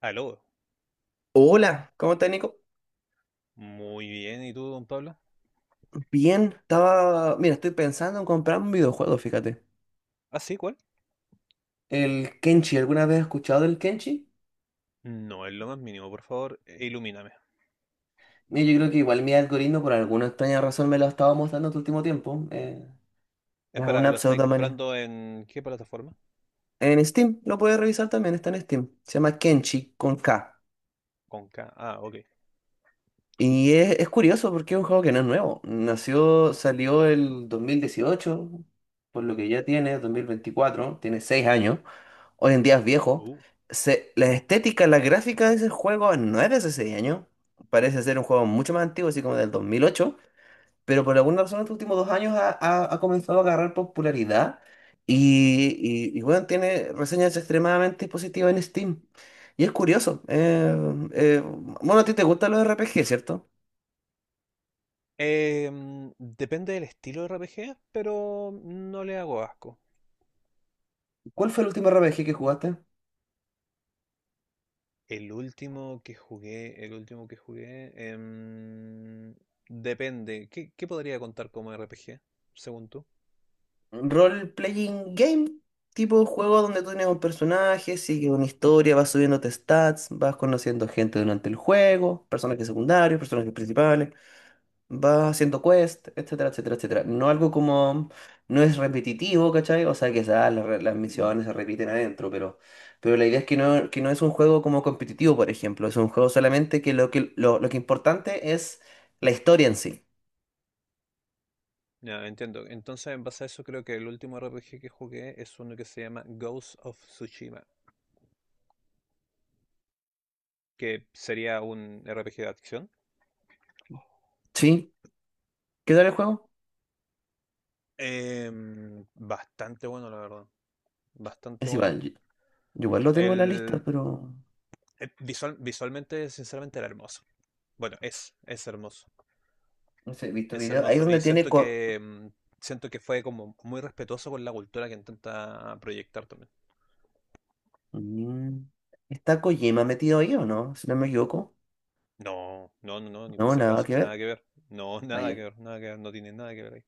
Aló, Hola, ¿cómo estás, Nico? muy bien, ¿y tú, don Pablo? Bien, estaba. Mira, estoy pensando en comprar un videojuego, fíjate. Ah, sí, ¿cuál? El Kenshi, ¿alguna vez has escuchado del Kenshi? No es lo más mínimo, por favor, ilumíname. Mira, yo creo que igual mi algoritmo, por alguna extraña razón, me lo ha estado mostrando este último tiempo. Es Espera, una ¿lo estáis pseudomanía. comprando en qué plataforma? En Steam, lo puedes revisar también, está en Steam. Se llama Kenshi con K. Con K. Ah, ok. Es curioso porque es un juego que no es nuevo. Nació, salió el 2018, por lo que ya tiene, 2024, tiene 6 años. Hoy en día es viejo. Uh. La estética, la gráfica de ese juego no era hace 6 años. Parece ser un juego mucho más antiguo, así como del 2008. Pero por alguna razón, en los últimos 2 años ha comenzado a agarrar popularidad. Y bueno, tiene reseñas extremadamente positivas en Steam. Y es curioso. Eh, bueno, a ti te gustan los RPG, ¿cierto? Depende del estilo de RPG, pero no le hago asco. ¿Cuál fue el último RPG que jugaste? El último que jugué, el último que jugué, em, depende. ¿Qué podría contar como RPG, según tú? ¿Role-playing game? Tipo juego donde tú tienes un personaje, sigue una historia, vas subiéndote stats, vas conociendo gente durante el juego, personajes secundarios, personajes principales, vas haciendo quest, etcétera, etcétera, etcétera. No algo como, no es repetitivo, ¿cachai? O sea, que ah, las misiones se repiten adentro, pero la idea es que no es un juego como competitivo, por ejemplo, es un juego solamente que lo que importante es la historia en sí. Ya, entiendo. Entonces, en base a eso, creo que el último RPG que jugué es uno que se llama Ghost of Tsushima. Que sería un RPG de acción. ¿Sí? ¿Qué tal el juego? Eh, Bastante bueno, la verdad. Bastante Es bueno. igual. Yo igual lo tengo en la lista, El, pero Visualmente, sinceramente, era hermoso. Bueno, es hermoso. no sé, he visto Es videos. Ahí es hermoso. Y donde tiene... siento que mm, siento que fue como muy respetuoso con la cultura que intenta proyectar también. Mm, ¿está Kojima metido ahí o no? Si no me equivoco. No, no, no, no, ni por No, si nada acaso. que Nada ver. que ver. No, Ah, nada ya. que ver, nada que ver. No tiene nada que ver ahí.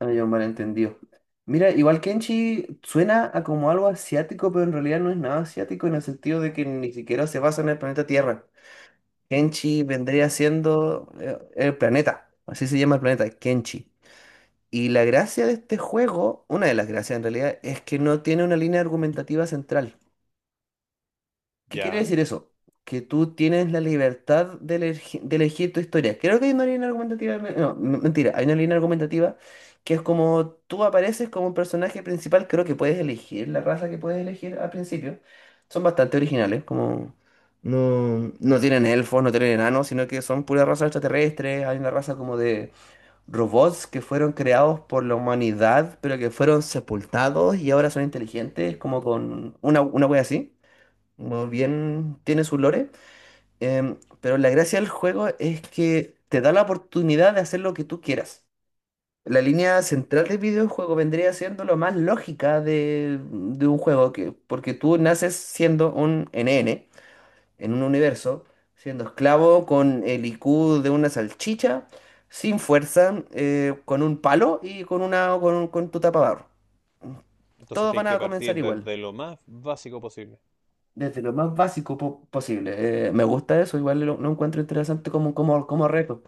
Ah, ya, un malentendido. Mira, igual Kenshi suena a como algo asiático, pero en realidad no es nada asiático en el sentido de que ni siquiera se basa en el planeta Tierra. Kenshi vendría siendo el planeta. Así se llama el planeta, Kenshi. Y la gracia de este juego, una de las gracias en realidad, es que no tiene una línea argumentativa central. ¿Qué quiere Ya. decir eso? Que tú tienes la libertad de, de elegir tu historia. Creo que hay una línea argumentativa. No, mentira, hay una línea argumentativa que es como tú apareces como un personaje principal. Creo que puedes elegir la raza que puedes elegir al principio. Son bastante originales, como. No, no tienen elfos, no tienen enanos, sino que son pura raza extraterrestre. Hay una raza como de robots que fueron creados por la humanidad, pero que fueron sepultados y ahora son inteligentes, como con una wea así. Muy bien, tiene su lore, pero la gracia del juego es que te da la oportunidad de hacer lo que tú quieras. La línea central del videojuego vendría siendo lo más lógica de un juego, que, porque tú naces siendo un NN en un universo, siendo esclavo con el IQ de una salchicha, sin fuerza, con un palo y con tu tapabarro. Entonces Todos tienes van que a partir comenzar igual. desde lo más básico posible. Desde lo más posible. Me gusta eso, igual lo encuentro interesante como reto.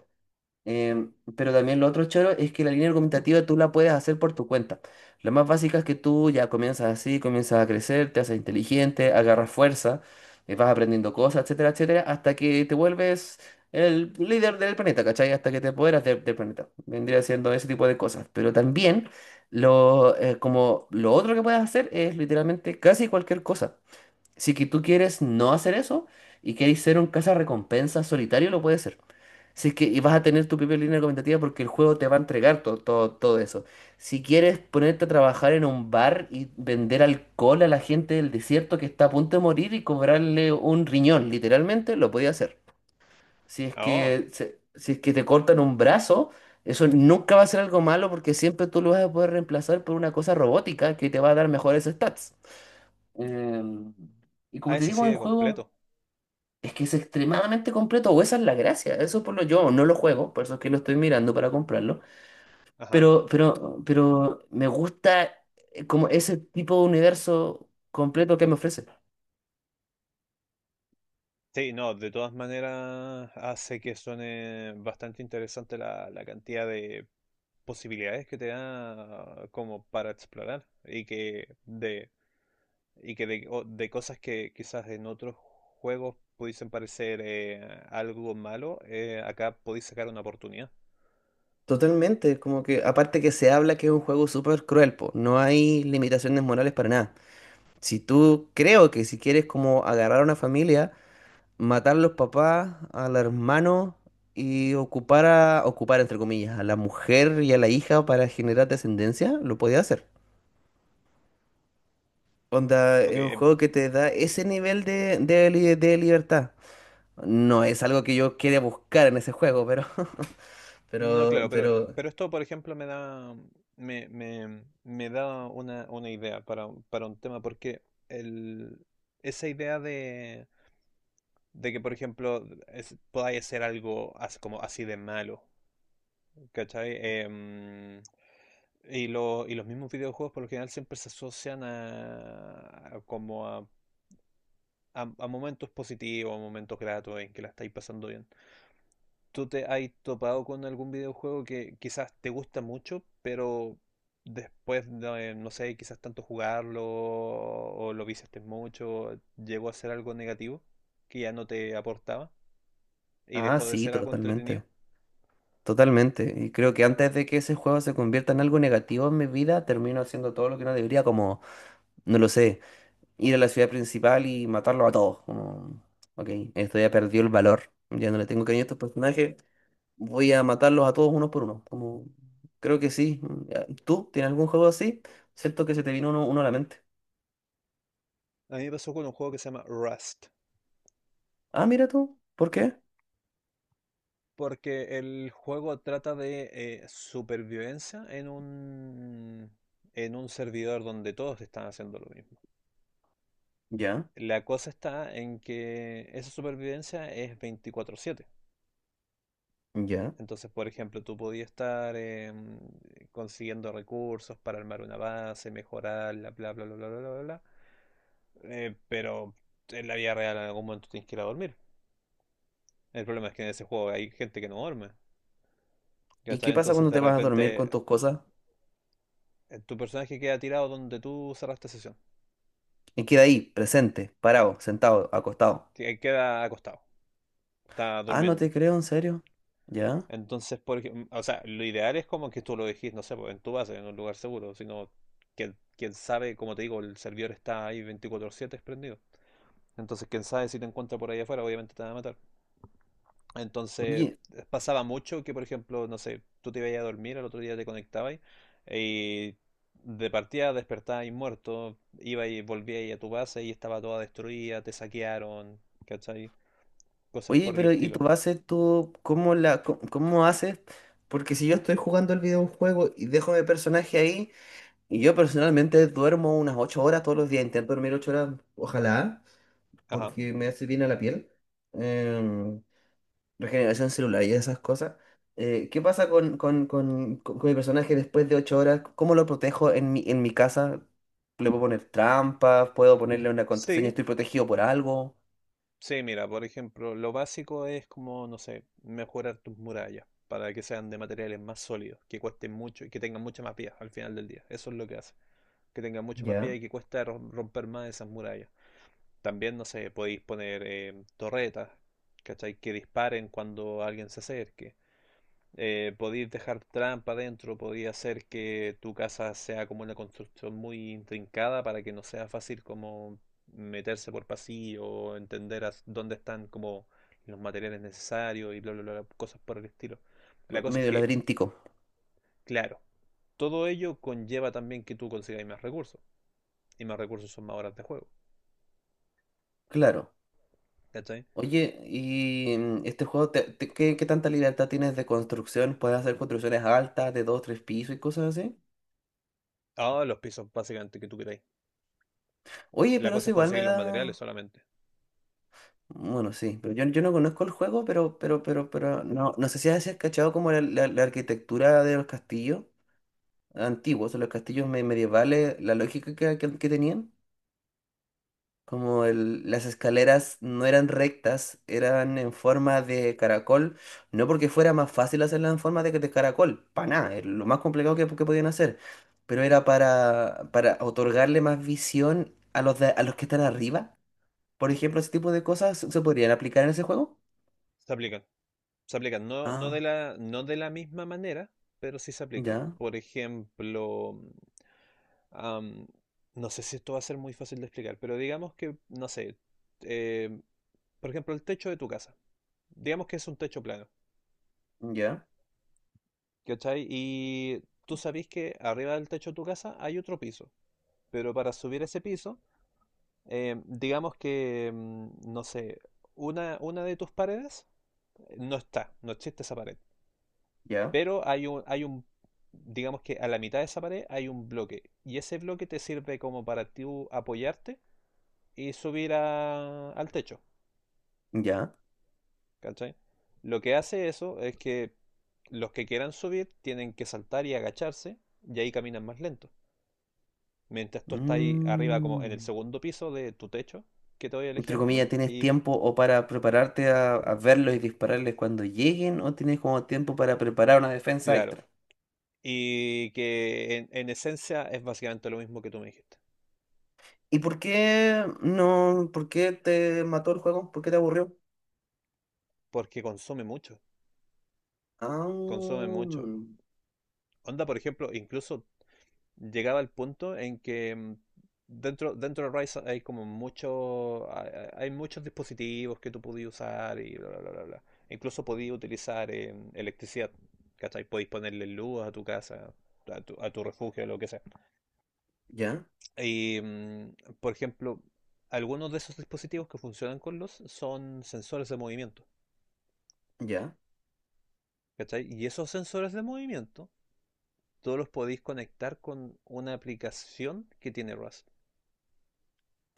Pero también lo otro choro es que la línea argumentativa tú la puedes hacer por tu cuenta. Lo más básico es que tú ya comienzas así, comienzas a crecer, te haces inteligente, agarras fuerza, vas aprendiendo cosas, etcétera, etcétera, hasta que te vuelves el líder del planeta, ¿cachai? Hasta que te apoderas del del planeta. Vendría siendo ese tipo de cosas. Pero también como lo otro que puedes hacer es literalmente casi cualquier cosa. Si que tú quieres no hacer eso y quieres ser un recompensa solitario, lo puedes ser. Si es que y vas a tener tu propia línea argumentativa porque el juego te va a entregar todo eso. Si quieres ponerte a trabajar en un bar y vender alcohol a la gente del desierto que está a punto de morir y cobrarle un riñón, literalmente, lo podías hacer. Ah. Oh. Si es que te cortan un brazo, eso nunca va a ser algo malo porque siempre tú lo vas a poder reemplazar por una cosa robótica que te va a dar mejores stats. Em, y Ah, como te es así digo, el de juego completo. es que es extremadamente completo, o esa es la gracia. Eso por lo yo no lo juego, por eso es que lo estoy mirando para comprarlo. Ajá. Pero me gusta como ese tipo de universo completo que me ofrece. Sí, no, de todas maneras hace que suene bastante interesante la cantidad de posibilidades que te da como para explorar de cosas que quizás en otros juegos pudiesen parecer algo malo, acá podéis sacar una oportunidad. Totalmente, como que aparte que se habla que es un juego súper cruel, po, no hay limitaciones morales para nada. Si tú creo que si quieres como agarrar a una familia matar los papás, al hermano y ocupar entre comillas, a la mujer y a la hija para generar descendencia, lo podía hacer. Onda, Ok, es un eh, juego que te da ese nivel de libertad. No es algo que yo quiera buscar en ese juego, pero, No, pero, claro, pero, pero, pero esto, por ejemplo, me da una idea para un tema, porque el, esa idea de que, por ejemplo, podáis hacer algo como así de malo, ¿cachai? Y, y los mismos videojuegos por lo general siempre se asocian a momentos positivos, a momentos gratos en que la estáis pasando bien. ¿Tú te has topado con algún videojuego que quizás te gusta mucho, pero después de, no sé, quizás tanto jugarlo o lo viciaste mucho, llegó a ser algo negativo que ya no te aportaba y ah, dejó de sí, ser algo entretenido? totalmente, totalmente. Y creo que antes de que ese juego se convierta en algo negativo en mi vida, termino haciendo todo lo que no debería, como, no lo sé. Ir a la ciudad principal y matarlo a todos. Como, ok, esto ya perdió el valor. Ya no le tengo cariño a estos personajes. Voy a matarlos a todos uno por uno. Como, creo que sí. Ya, ¿tú tienes algún juego así? Siento que se te vino uno a la mente. A mí me pasó con un juego que se llama Rust, Ah, mira tú. ¿Por qué? porque el juego trata de supervivencia en un servidor donde todos están haciendo lo mismo. Ya, La cosa está en que esa supervivencia es 24/7. ya. Entonces, por ejemplo, tú podías estar consiguiendo recursos para armar una base, mejorarla, bla, bla, bla, bla, bla, bla, bla. Pero en la vida real en algún momento tienes que ir a dormir. El problema es que en ese juego hay gente que no duerme. ¿Y ¿Cachai? qué pasa Entonces, cuando de te vas a dormir con repente, tus cosas? Tu personaje queda tirado donde tú cerraste sesión. Y queda ahí, presente, parado, sentado, acostado. Queda acostado, está Ah, no durmiendo. te creo, en serio. Ya. Entonces, o sea, lo ideal es como que tú lo dejes, no sé, pues, en tu base, en un lugar seguro, sino que, quién sabe, como te digo, el servidor está ahí 24/7 prendido. Entonces, quién sabe si te encuentra por ahí afuera, obviamente te van a matar. Entonces, Oye, pasaba mucho que, por ejemplo, no sé, tú te ibas a dormir, al otro día te conectabas y de partida despertabas muerto, ibas y volvías a tu base y estaba toda destruida, te saquearon, ¿cachai? Cosas oye, por el pero ¿y tu estilo. base tú cómo haces? Porque si yo estoy jugando el videojuego y dejo mi personaje ahí, y yo personalmente duermo unas 8 horas todos los días, intento dormir 8 horas, ojalá, Ajá. porque me hace bien a la piel, em, regeneración celular y esas cosas. ¿Qué pasa con mi personaje después de 8 horas? ¿Cómo lo protejo en mi casa? ¿Le puedo poner trampas? ¿Puedo ponerle una contraseña? Sí, ¿Estoy protegido por algo? Sí, mira, por ejemplo, lo básico es como, no sé, mejorar tus murallas para que sean de materiales más sólidos, que cuesten mucho y que tengan mucha más vida al final del día. Eso es lo que hace, que tengan mucha más vida ¿Ya? y que cueste romper más esas murallas. También, no sé, podéis poner torretas, ¿cachai? Que disparen cuando alguien se acerque. Podéis dejar trampa dentro, podéis hacer que tu casa sea como una construcción muy intrincada para que no sea fácil como meterse por pasillo o entender dónde están como los materiales necesarios y bla, bla, bla, cosas por el estilo. La cosa es Medio que, ladríntico. claro, todo ello conlleva también que tú consigáis más recursos y más recursos son más horas de juego, Claro. ¿cachai? Oye, y mm, este juego, ¿qué, qué tanta libertad tienes de construcción? ¿Puedes hacer construcciones altas de dos, tres pisos y cosas así? Ah, los pisos básicamente que tú queráis. Oye, La pero cosa eso es igual me conseguir los materiales da... solamente. Bueno, sí, pero yo no conozco el juego, pero, no, no sé si has cachado como la arquitectura de los castillos antiguos, o los castillos medievales, la lógica que tenían. Como las escaleras no eran rectas, eran en forma de caracol, no porque fuera más fácil hacerlas en forma de caracol, para nada, es lo más complicado que podían hacer, pero era para otorgarle más visión a a los que están arriba. Por ejemplo, ese tipo de cosas se se podrían aplicar en ese juego. Se aplican. Se aplican, no, no de Ah, la, no de la misma manera, pero sí se aplican. ya, Por ejemplo, am, no sé si esto va a ser muy fácil de explicar, pero digamos que, no sé, eh, por ejemplo, el techo de tu casa. Digamos que es un techo plano, ya, ¿cachai? Y tú sabés que arriba del techo de tu casa hay otro piso, pero para subir ese piso, digamos que, no sé, una de tus paredes no está, no existe esa pared. ya, Pero digamos que a la mitad de esa pared hay un bloque. Y ese bloque te sirve como para tú apoyarte y subir al techo. ya. ¿Cachai? Lo que hace eso es que los que quieran subir tienen que saltar y agacharse y ahí caminan más lento. Mientras tú estás ahí arriba como en el Mm. segundo piso de tu techo, que te doy el Entre comillas, ejemplo, tienes y tiempo o para prepararte a verlos y dispararles cuando lleguen, o tienes como tiempo para preparar una defensa claro, extra. y que en esencia es básicamente lo mismo que tú me dijiste, ¿Y por qué no? ¿Por qué te mató el juego? ¿Por qué te aburrió? porque consume mucho, consume Ah, mucho. Onda, por ejemplo, incluso llegaba al punto en que dentro de Rise hay como mucho, hay muchos dispositivos que tú podías usar y bla, bla, bla, bla, bla. Incluso podías utilizar electricidad, ¿cachai? Podías ponerle luz a tu casa, a tu refugio, lo que sea. ya, Y, por ejemplo, algunos de esos dispositivos que funcionan con luz son sensores de movimiento, ya. ¿cachai? Y esos sensores de movimiento, todos los podéis conectar con una aplicación que tiene Rust.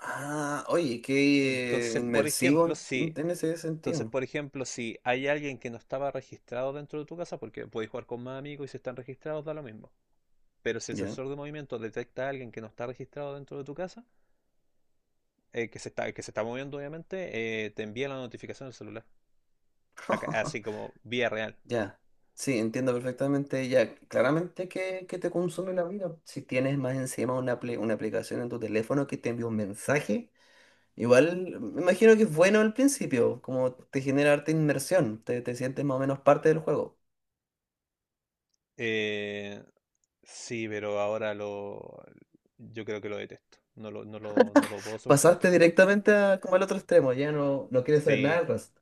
Ah, oye, qué Entonces, por ejemplo, inmersivo si, en ese entonces, sentido. por ejemplo, si hay alguien que no estaba registrado dentro de tu casa, porque puedes jugar con más amigos y si están registrados, da lo mismo. Pero si el Ya. sensor de movimiento detecta a alguien que no está registrado dentro de tu casa, que se está moviendo, obviamente, te envía la notificación al celular. Así como vía real. Ya. Sí, entiendo perfectamente. Ya, claramente que te consume la vida. Si tienes más encima una, una aplicación en tu teléfono que te envía un mensaje. Igual me imagino que es bueno al principio, como te genera harta inmersión, te sientes más o menos parte del juego. Eh, sí, pero yo creo que lo detesto. No lo puedo soportar. Pasaste directamente a, como al otro extremo, ya no, no quieres saber nada Sí, del Rust.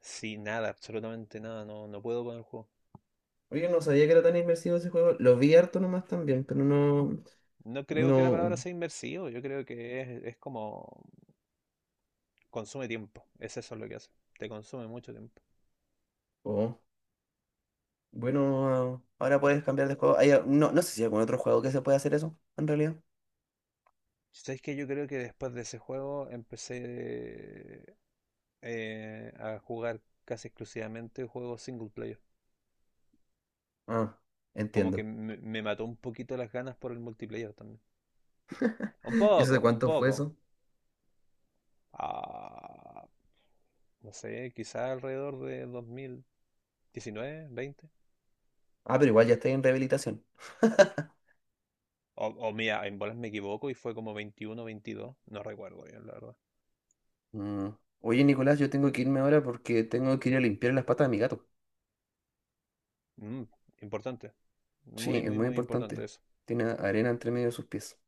sí, nada, absolutamente nada. No, no puedo con el juego. Oye, no sabía que era tan inmersivo ese juego, lo vi harto nomás también, pero no, No creo que la palabra no, sea inversivo, yo creo que es como consume tiempo, es eso lo que hace, te consume mucho tiempo. oh, bueno, ah, ahora puedes cambiar de juego. No, no sé si hay algún otro juego que se pueda hacer eso, en realidad. ¿Sabes que yo creo que después de ese juego empecé a jugar casi exclusivamente juegos single player? Ah, Como que entiendo. me mató un poquito las ganas por el multiplayer también. Un ¿Y eso poco, de un cuánto fue poco. eso? Ah, no sé, quizás alrededor de 2019, veinte. Ah, pero igual ya estoy en rehabilitación. O mira, en bolas me equivoco y fue como veintiuno, veintidós, no recuerdo bien, la verdad. Mm. Oye, Nicolás, yo tengo que irme ahora porque tengo que ir a limpiar las patas de mi gato. Mm, Importante. Sí, Muy, es muy, muy muy importante importante. eso. Tiene arena entre medio de sus pies,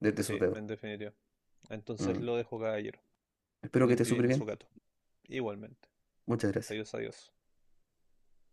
desde sus Sí, dedos. en definitiva. Entonces Mm. lo dejo, caballero. Espero que esté Limpie súper bien a su bien. gato. Igualmente. Muchas gracias. Adiós, adiós.